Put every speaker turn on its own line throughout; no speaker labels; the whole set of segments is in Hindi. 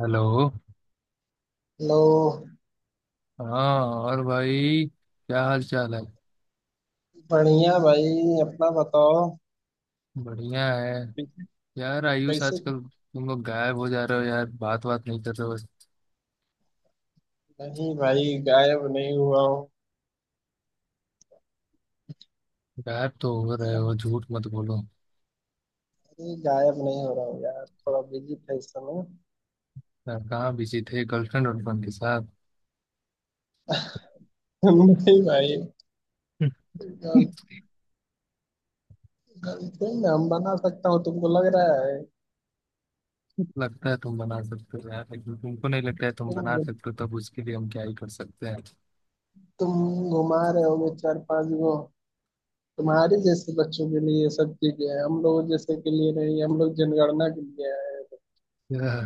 हेलो।
लो।
हाँ और भाई, क्या हाल चाल है?
बढ़िया भाई, अपना बताओ।
बढ़िया है। यार आयुष,
कैसे?
आजकल तुम लोग गायब हो जा रहे हो यार, बात बात नहीं कर रहे हो बस।
नहीं भाई, गायब नहीं हुआ हूँ।
गायब तो हो रहे हो, झूठ मत बोलो।
अरे गायब नहीं हो रहा हूँ यार, थोड़ा बिजी था इस समय।
यार कहाँ बिजी थे, गर्लफ्रेंड वर्लफ्रेंड के साथ?
नहीं भाई। गर्लफ्रेंड। गर्लफ्रेंड हम बना सकता हूँ तुमको लग रहा है?
लगता है तुम बना सकते हो यार, लेकिन तुमको नहीं लगता है तुम बना
तुम
सकते हो, तब उसके लिए हम क्या ही कर सकते हैं।
तुम घुमा रहे होगे चार पांच गो। तुम्हारी जैसे बच्चों के लिए ये सब चीजें हैं, हम लोग जैसे के लिए नहीं, हम लोग जनगणना के लिए आए हैं।
यार,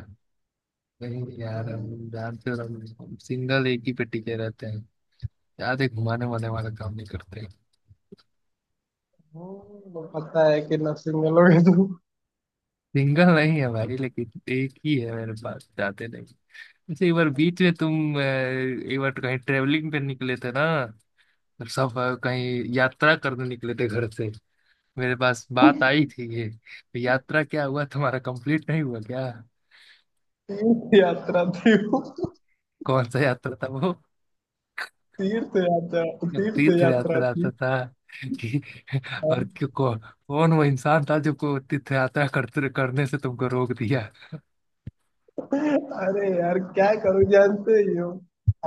नहीं यार,
हम्म,
हम जानते हो। हम सिंगल, एक ही पे टिके रहते हैं। ज्यादा घुमाने वाले वाला काम नहीं करते।
पता है कि नर्सिंग में लोग।
सिंगल नहीं है भाई, लेकिन एक ही है, मेरे पास जाते नहीं। अच्छा, एक बार बीच में तुम एक बार कहीं ट्रेवलिंग पे निकले थे ना? सब कहीं यात्रा करने निकले थे घर से। मेरे पास बात आई थी, ये तो यात्रा क्या हुआ तुम्हारा, कंप्लीट नहीं हुआ क्या?
यात्रा थी वो।
कौन सा यात्रा था वो?
तीर्थ यात्रा। तीर्थ
तीर्थ
यात्रा।
यात्रा यात्रा था कि। और
तीर्थ।
क्यों कौन वो इंसान था जो को तीर्थ यात्रा करते करने से तुमको रोक दिया?
अरे यार क्या करूं, जानते ही हो।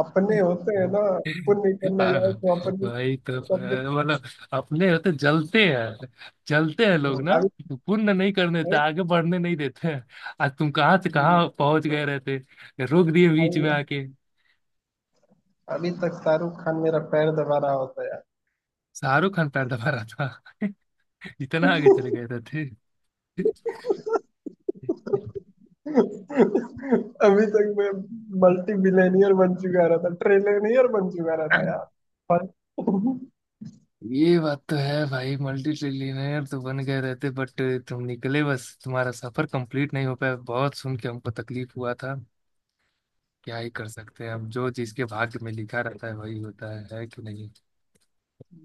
अपने होते हैं ना। पुण्य करने
हाँ,
जाओ तो अपने।
भाई तो
सब।
मतलब। अपने होते जलते हैं। जलते हैं लोग ना।
अभी
पुण्य नहीं करने देते, आगे बढ़ने नहीं देते हैं। आज तुम कहाँ से कहाँ पहुंच गए रहते। रोक दिए बीच में
अभी
आके।
अभी तक शाहरुख खान मेरा पैर दबा रहा होता है यार।
शाहरुख खान पैर दबा रहा था। इतना आगे चले गए रहते।
अभी तक मैं मल्टी बिलियनियर बन चुका रहता, ट्रिलियनियर बन चुका रहता यार। पर।
ये बात तो है भाई, मल्टी ट्रिलियनेयर तो बन गए रहते, बट। तुम निकले बस, तुम्हारा सफर कंप्लीट नहीं हो पाया, बहुत सुन के हमको तकलीफ हुआ था। क्या ही कर सकते हैं, अब जो चीज के भाग्य में लिखा रहता है वही होता है कि नहीं?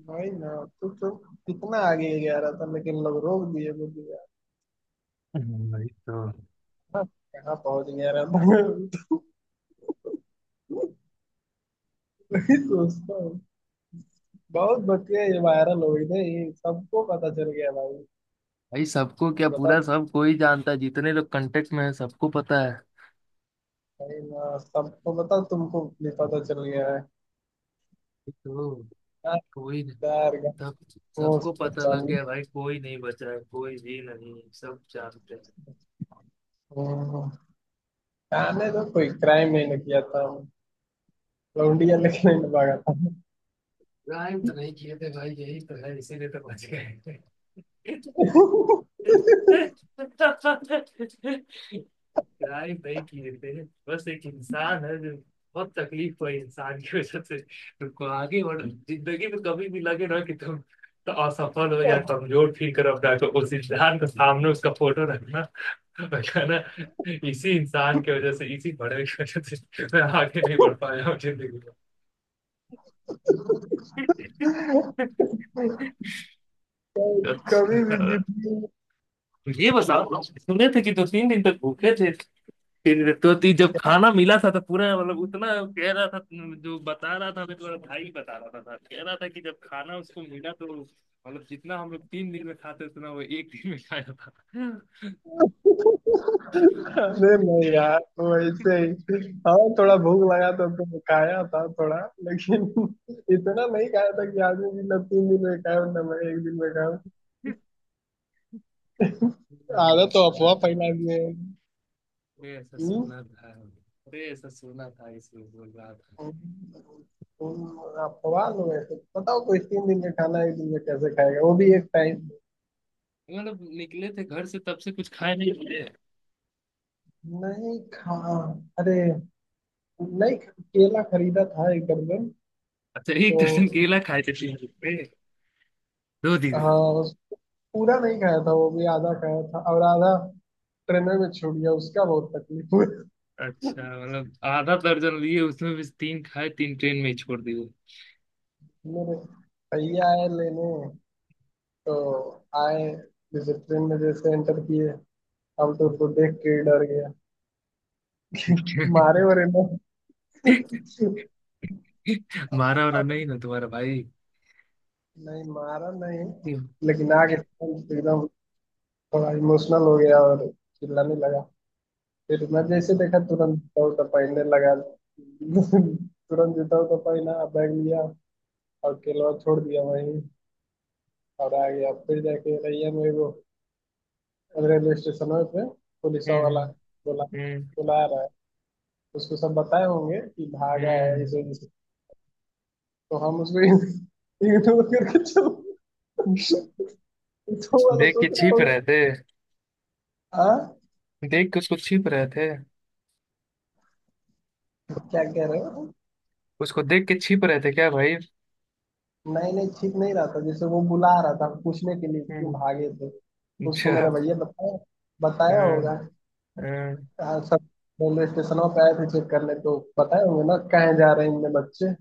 वही ना। तू तो। कितना आगे गया रहता लेकिन लोग रोक दिए मुझे यार।
वही तो।
हाँ, कहाँ पहुंच गया रहता। दोस्तों। बहुत बतिया ये वायरल हो गई ना, ये सबको पता चल गया भाई।
भाई सबको क्या,
बता।
पूरा सब कोई जानता है, जितने लोग कांटेक्ट में है सबको पता है।
भाई ना सबको बता, तुमको भी पता चल गया है।
वही तो,
हाँ,
कोई नहीं,
यार।
सब
वो
सबको
सब
पता लग गया
जाने।
भाई, कोई नहीं बचा है, कोई भी नहीं, सब जानते हैं।
हम्म, जाने तो कोई क्राइम नहीं ना किया था। लौंडिया
हम्म।
लेके नहीं ना भागा था।
क्राइम तो नहीं किए थे भाई, यही तो है, इसीलिए तो बच गए। किराए पे ही किए थे। बस एक इंसान है जो बहुत तकलीफ हुई इंसान की वजह से, तुमको आगे बढ़ जिंदगी में कभी भी लगे ना कि तुम तो असफल हो या
और।
कमजोर फील करो, अपना को उस इंसान के सामने उसका फोटो रखना और कहना, इसी इंसान की वजह से, इसी बड़े की वजह से मैं आगे नहीं बढ़ पाया हूँ जिंदगी में।
कभी
अच्छा,
भी जिंदगी।
ये बताओ, सुने थे कि दो तीन दिन तक भूखे थे। फिर तो ती जब खाना मिला था तो पूरा मतलब उतना। कह रहा था। जो बता रहा था, मेरा भाई बता रहा था, कह रहा था कि जब खाना उसको मिला तो मतलब जितना हम लोग तीन दिन में खाते उतना वो एक दिन में खाया था।
अरे नहीं यार, वैसे ही। हाँ, थोड़ा भूख लगा था तो खाया था थोड़ा। लेकिन। इतना नहीं खाया था कि आदमी भी ना तीन दिन में खाया ना मैं एक दिन में खाया।
नहीं, मैं
आदत तो
सुना
अफवाह
था
फैला
यार।
दिए हैं।
मैं ऐसा
हम्म?
सुना था। अरे, ऐसा सुना था इसलिए बोल रहा था।
हम्म, अफवाह। लोग ऐसे बताओ, कोई तीन दिन में खाना एक दिन में कैसे खाएगा, वो भी एक टाइम।
मतलब निकले थे घर से, तब से कुछ खाए नहीं थे।
नहीं खा। अरे। नहीं, केला खरीदा था एक दर्जन।
अच्छा, एक
तो।
दर्जन केला खाए थे तीन दिन में? दो दिन में।
हाँ, पूरा नहीं खाया था, वो भी आधा खाया था और आधा ट्रेन में छूट गया, उसका बहुत तकलीफ हुई।
अच्छा मतलब आधा दर्जन लिए, उसमें भी तीन खाए, तीन ट्रेन में ही छोड़ दिए।
मेरे। भैया आए लेने। तो। आए। जैसे ट्रेन में जैसे एंटर किए, हम तो उनको देख के ही डर गया। मारे वरे ना।
मारा वारा नहीं ना तुम्हारा भाई?
नहीं, मारा नहीं।
हम्म,
लेकिन आगे। एकदम। थोड़ा इमोशनल हो गया और चिल्लाने लगा। फिर मैं जैसे देखा, तुरंत जूता उता पहनने लगा। तुरंत जूता उता पहना, बैग लिया और केलवा छोड़ दिया वहीं। और आ गया फिर जाके रैया में वो। रेलवे स्टेशन है पे पुलिस वाला बोला,
हम्म,
बुला रहा है। उसको सब बताए होंगे कि भागा है इस
हम्म।
वजह से। तो हम उसको इग्नोर करके चल। तो वाला
देख के
सोच रहा
छिप
होगा।
रहे थे?
हाँ।
देख के उसको छिप रहे थे?
क्या कह रहे हो।
उसको देख के छिप रहे थे क्या भाई?
नहीं नहीं, ठीक नहीं रहा था, जैसे वो बुला रहा था पूछने के लिए क्यों
हम्म,
भागे थे। उसको
अच्छा।
मेरा भैया बताया, बताया
हम्म,
होगा।
हम्म,
हाँ, सब रेलवे स्टेशन पे आए थे चेक करने, तो बताए होंगे ना कहाँ जा रहे हैं, इनमें बच्चे।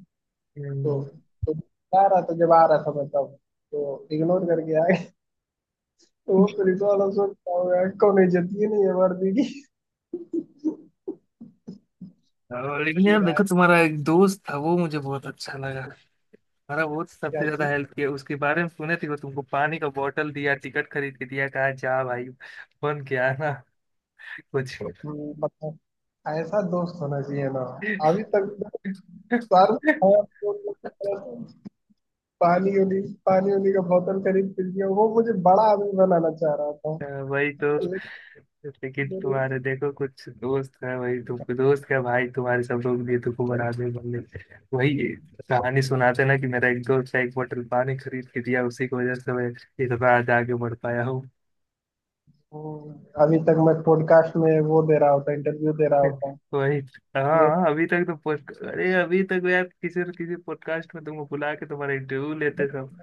तो
हम्म।
तो जा रहा था जब आ रहा था मैं तब, तो इग्नोर करके आ गया। वो पुलिस वाला सोचता होगा, कौन इज्जत ही नहीं है वर्दी की।
और लेकिन यार
फिर आया।
देखो, तुम्हारा एक दोस्त था, वो मुझे बहुत अच्छा लगा। हमारा वो
क्या
सबसे ज्यादा
चीज।
हेल्प किया, उसके बारे में सुने थे, वो तुमको पानी का बोतल दिया, टिकट खरीद के दिया, कहा जा भाई बन के आना कुछ।
मतलब ऐसा दोस्त होना चाहिए ना। अभी तक मैंने सारे खाया, तो मैं पानी उनी, पानी उनी का बोतल खरीद पी लिया। वो मुझे बड़ा आदमी बनाना चाह रहा था।
अ, वही तो।
लेकिन।
लेकिन
मेरे-
तुम्हारे देखो कुछ दोस्त है, वही तुम दोस्त क्या भाई, तुम्हारे सब लोग भी तुमको बना दे बल्ले। वही कहानी सुनाते ना कि मेरा एक दोस्त है, एक बोतल पानी खरीद के दिया, उसी की वजह से मैं इतना आज आगे बढ़ पाया हूँ।
हम्म, अभी तक मैं पॉडकास्ट में वो दे रहा होता, इंटरव्यू दे रहा होता।
वही। हाँ, अभी तक तो पोस्ट अरे अभी तक यार किसी न किसी पॉडकास्ट में तुमको बुला के तुम्हारा इंटरव्यू लेते सब।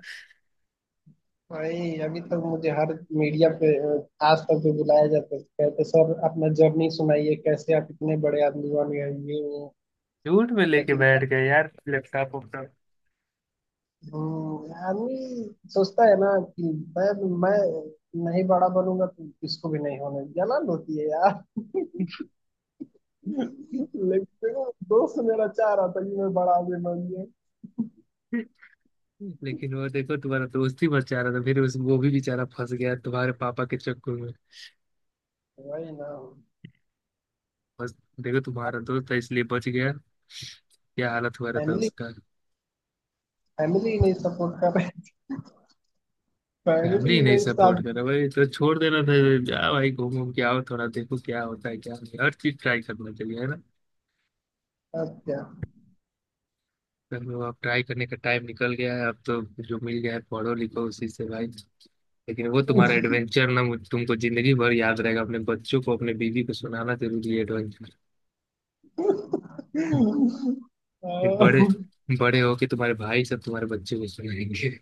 भाई अभी तक मुझे हर मीडिया पे आज तक भी बुलाया जाता है, कहते सर अपना जर्नी सुनाइए, कैसे आप इतने बड़े आदमी बन गए, ये वो।
झूठ में लेके
लेकिन क्या।
बैठ गए यार लैपटॉप वैपटॉप।
आदमी सोचता है ना कि मैं मैं नहीं बड़ा बनूंगा तो किसको भी नहीं होने जलन होती है यार। लेकिन देखो, दोस्त मेरा चाह रहा था कि मैं बड़ा आदमी बन जाए।
लेकिन वो देखो तुम्हारा दोस्त ही बचा रहा था, फिर उस वो भी बेचारा फंस गया तुम्हारे पापा के चक्कर में।
वही ना।
बस, देखो तुम्हारा दोस्त है इसलिए बच गया। क्या हालत हुआ रहता
फैमिली
उसका।
फैमिली नहीं सपोर्ट कर रही।
फैमिली
फैमिली
नहीं
नहीं साथ।
सपोर्ट कर रहा भाई, तो छोड़ देना था। जा भाई घूम घूम के आओ, थोड़ा देखो क्या होता है क्या नहीं, हर चीज ट्राई करना चाहिए है ना।
अब क्या।
तो अब ट्राई करने का टाइम निकल गया है अब तो। जो मिल गया है पढ़ो लिखो उसी से भाई। लेकिन वो तुम्हारा एडवेंचर ना तुमको जिंदगी भर याद रहेगा, अपने बच्चों को, अपने बीवी को सुनाना जरूरी है एडवेंचर। फिर
अ,
बड़े बड़े हो के तुम्हारे भाई सब तुम्हारे बच्चे को सुनाएंगे।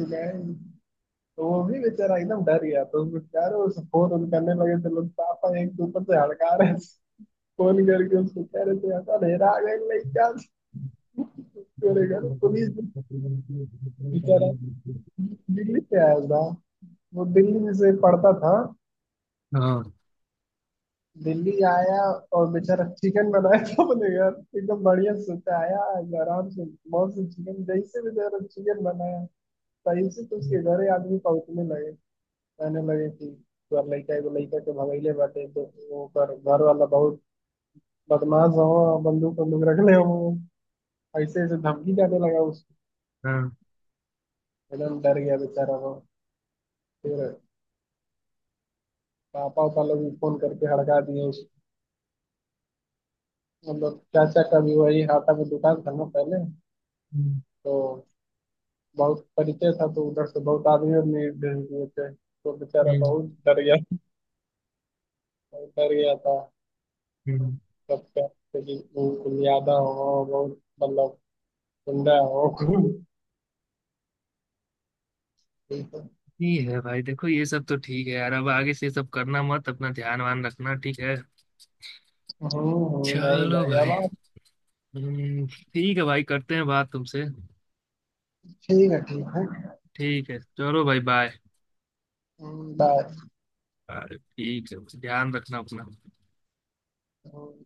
तो वो भी बेचारा एकदम डर गया। तो उसको क्या रहे, उस फोन ऑन करने लगे थे लोग, पापा एक के ऊपर से हड़का रहे थे, फोन करके उसको कह रहे थे, ऐसा अंधेरा आ गया नहीं क्या, मेरे घर पुलिस। बेचारा दिल्ली से आया था। वो दिल्ली से पढ़ता था।
हाँ,
दिल्ली आया। और बेचारा चिकन बनाया था अपने घर, एकदम बढ़िया सोचा आया आराम से। बहुत से चिकन जैसे बेचारा चिकन बनाया, तैसे तो उसके घर ही आदमी पहुंचने लगे। कहने लगे कि तोहर लइका एगो लइका के भगैले बाटे, तो ओकर घर वाला बहुत बदमाश हो, बंदूक बंदूक रखले हो, ऐसे ऐसे धमकी जाने लगा उसको।
हाँ,
एकदम डर गया बेचारा वो। फिर पापा उपा लोग भी फोन करके हड़का दिए उसको। मतलब चाचा का भी वही हाटा में दुकान था ना पहले,
हम्म,
तो बहुत परिचय था, तो उधर से बहुत आदमी आदमी भेज दिए थे, तो बेचारा बहुत डर गया। बहुत डर गया था।
हम्म।
सबका, क्योंकि वो कुलियादा हो बहुत, मतलब गुंडा हो।
ठीक है भाई, देखो ये सब तो ठीक है यार, अब आगे से ये सब करना मत, अपना ध्यान वान रखना ठीक है?
नहीं
चलो
भाई अब
भाई।
आप।
हम्म, ठीक है भाई, करते हैं बात तुमसे।
ठीक है, ठीक है।
ठीक है, चलो भाई, बाय।
बाय।
ठीक है, ध्यान रखना अपना।
हम्म।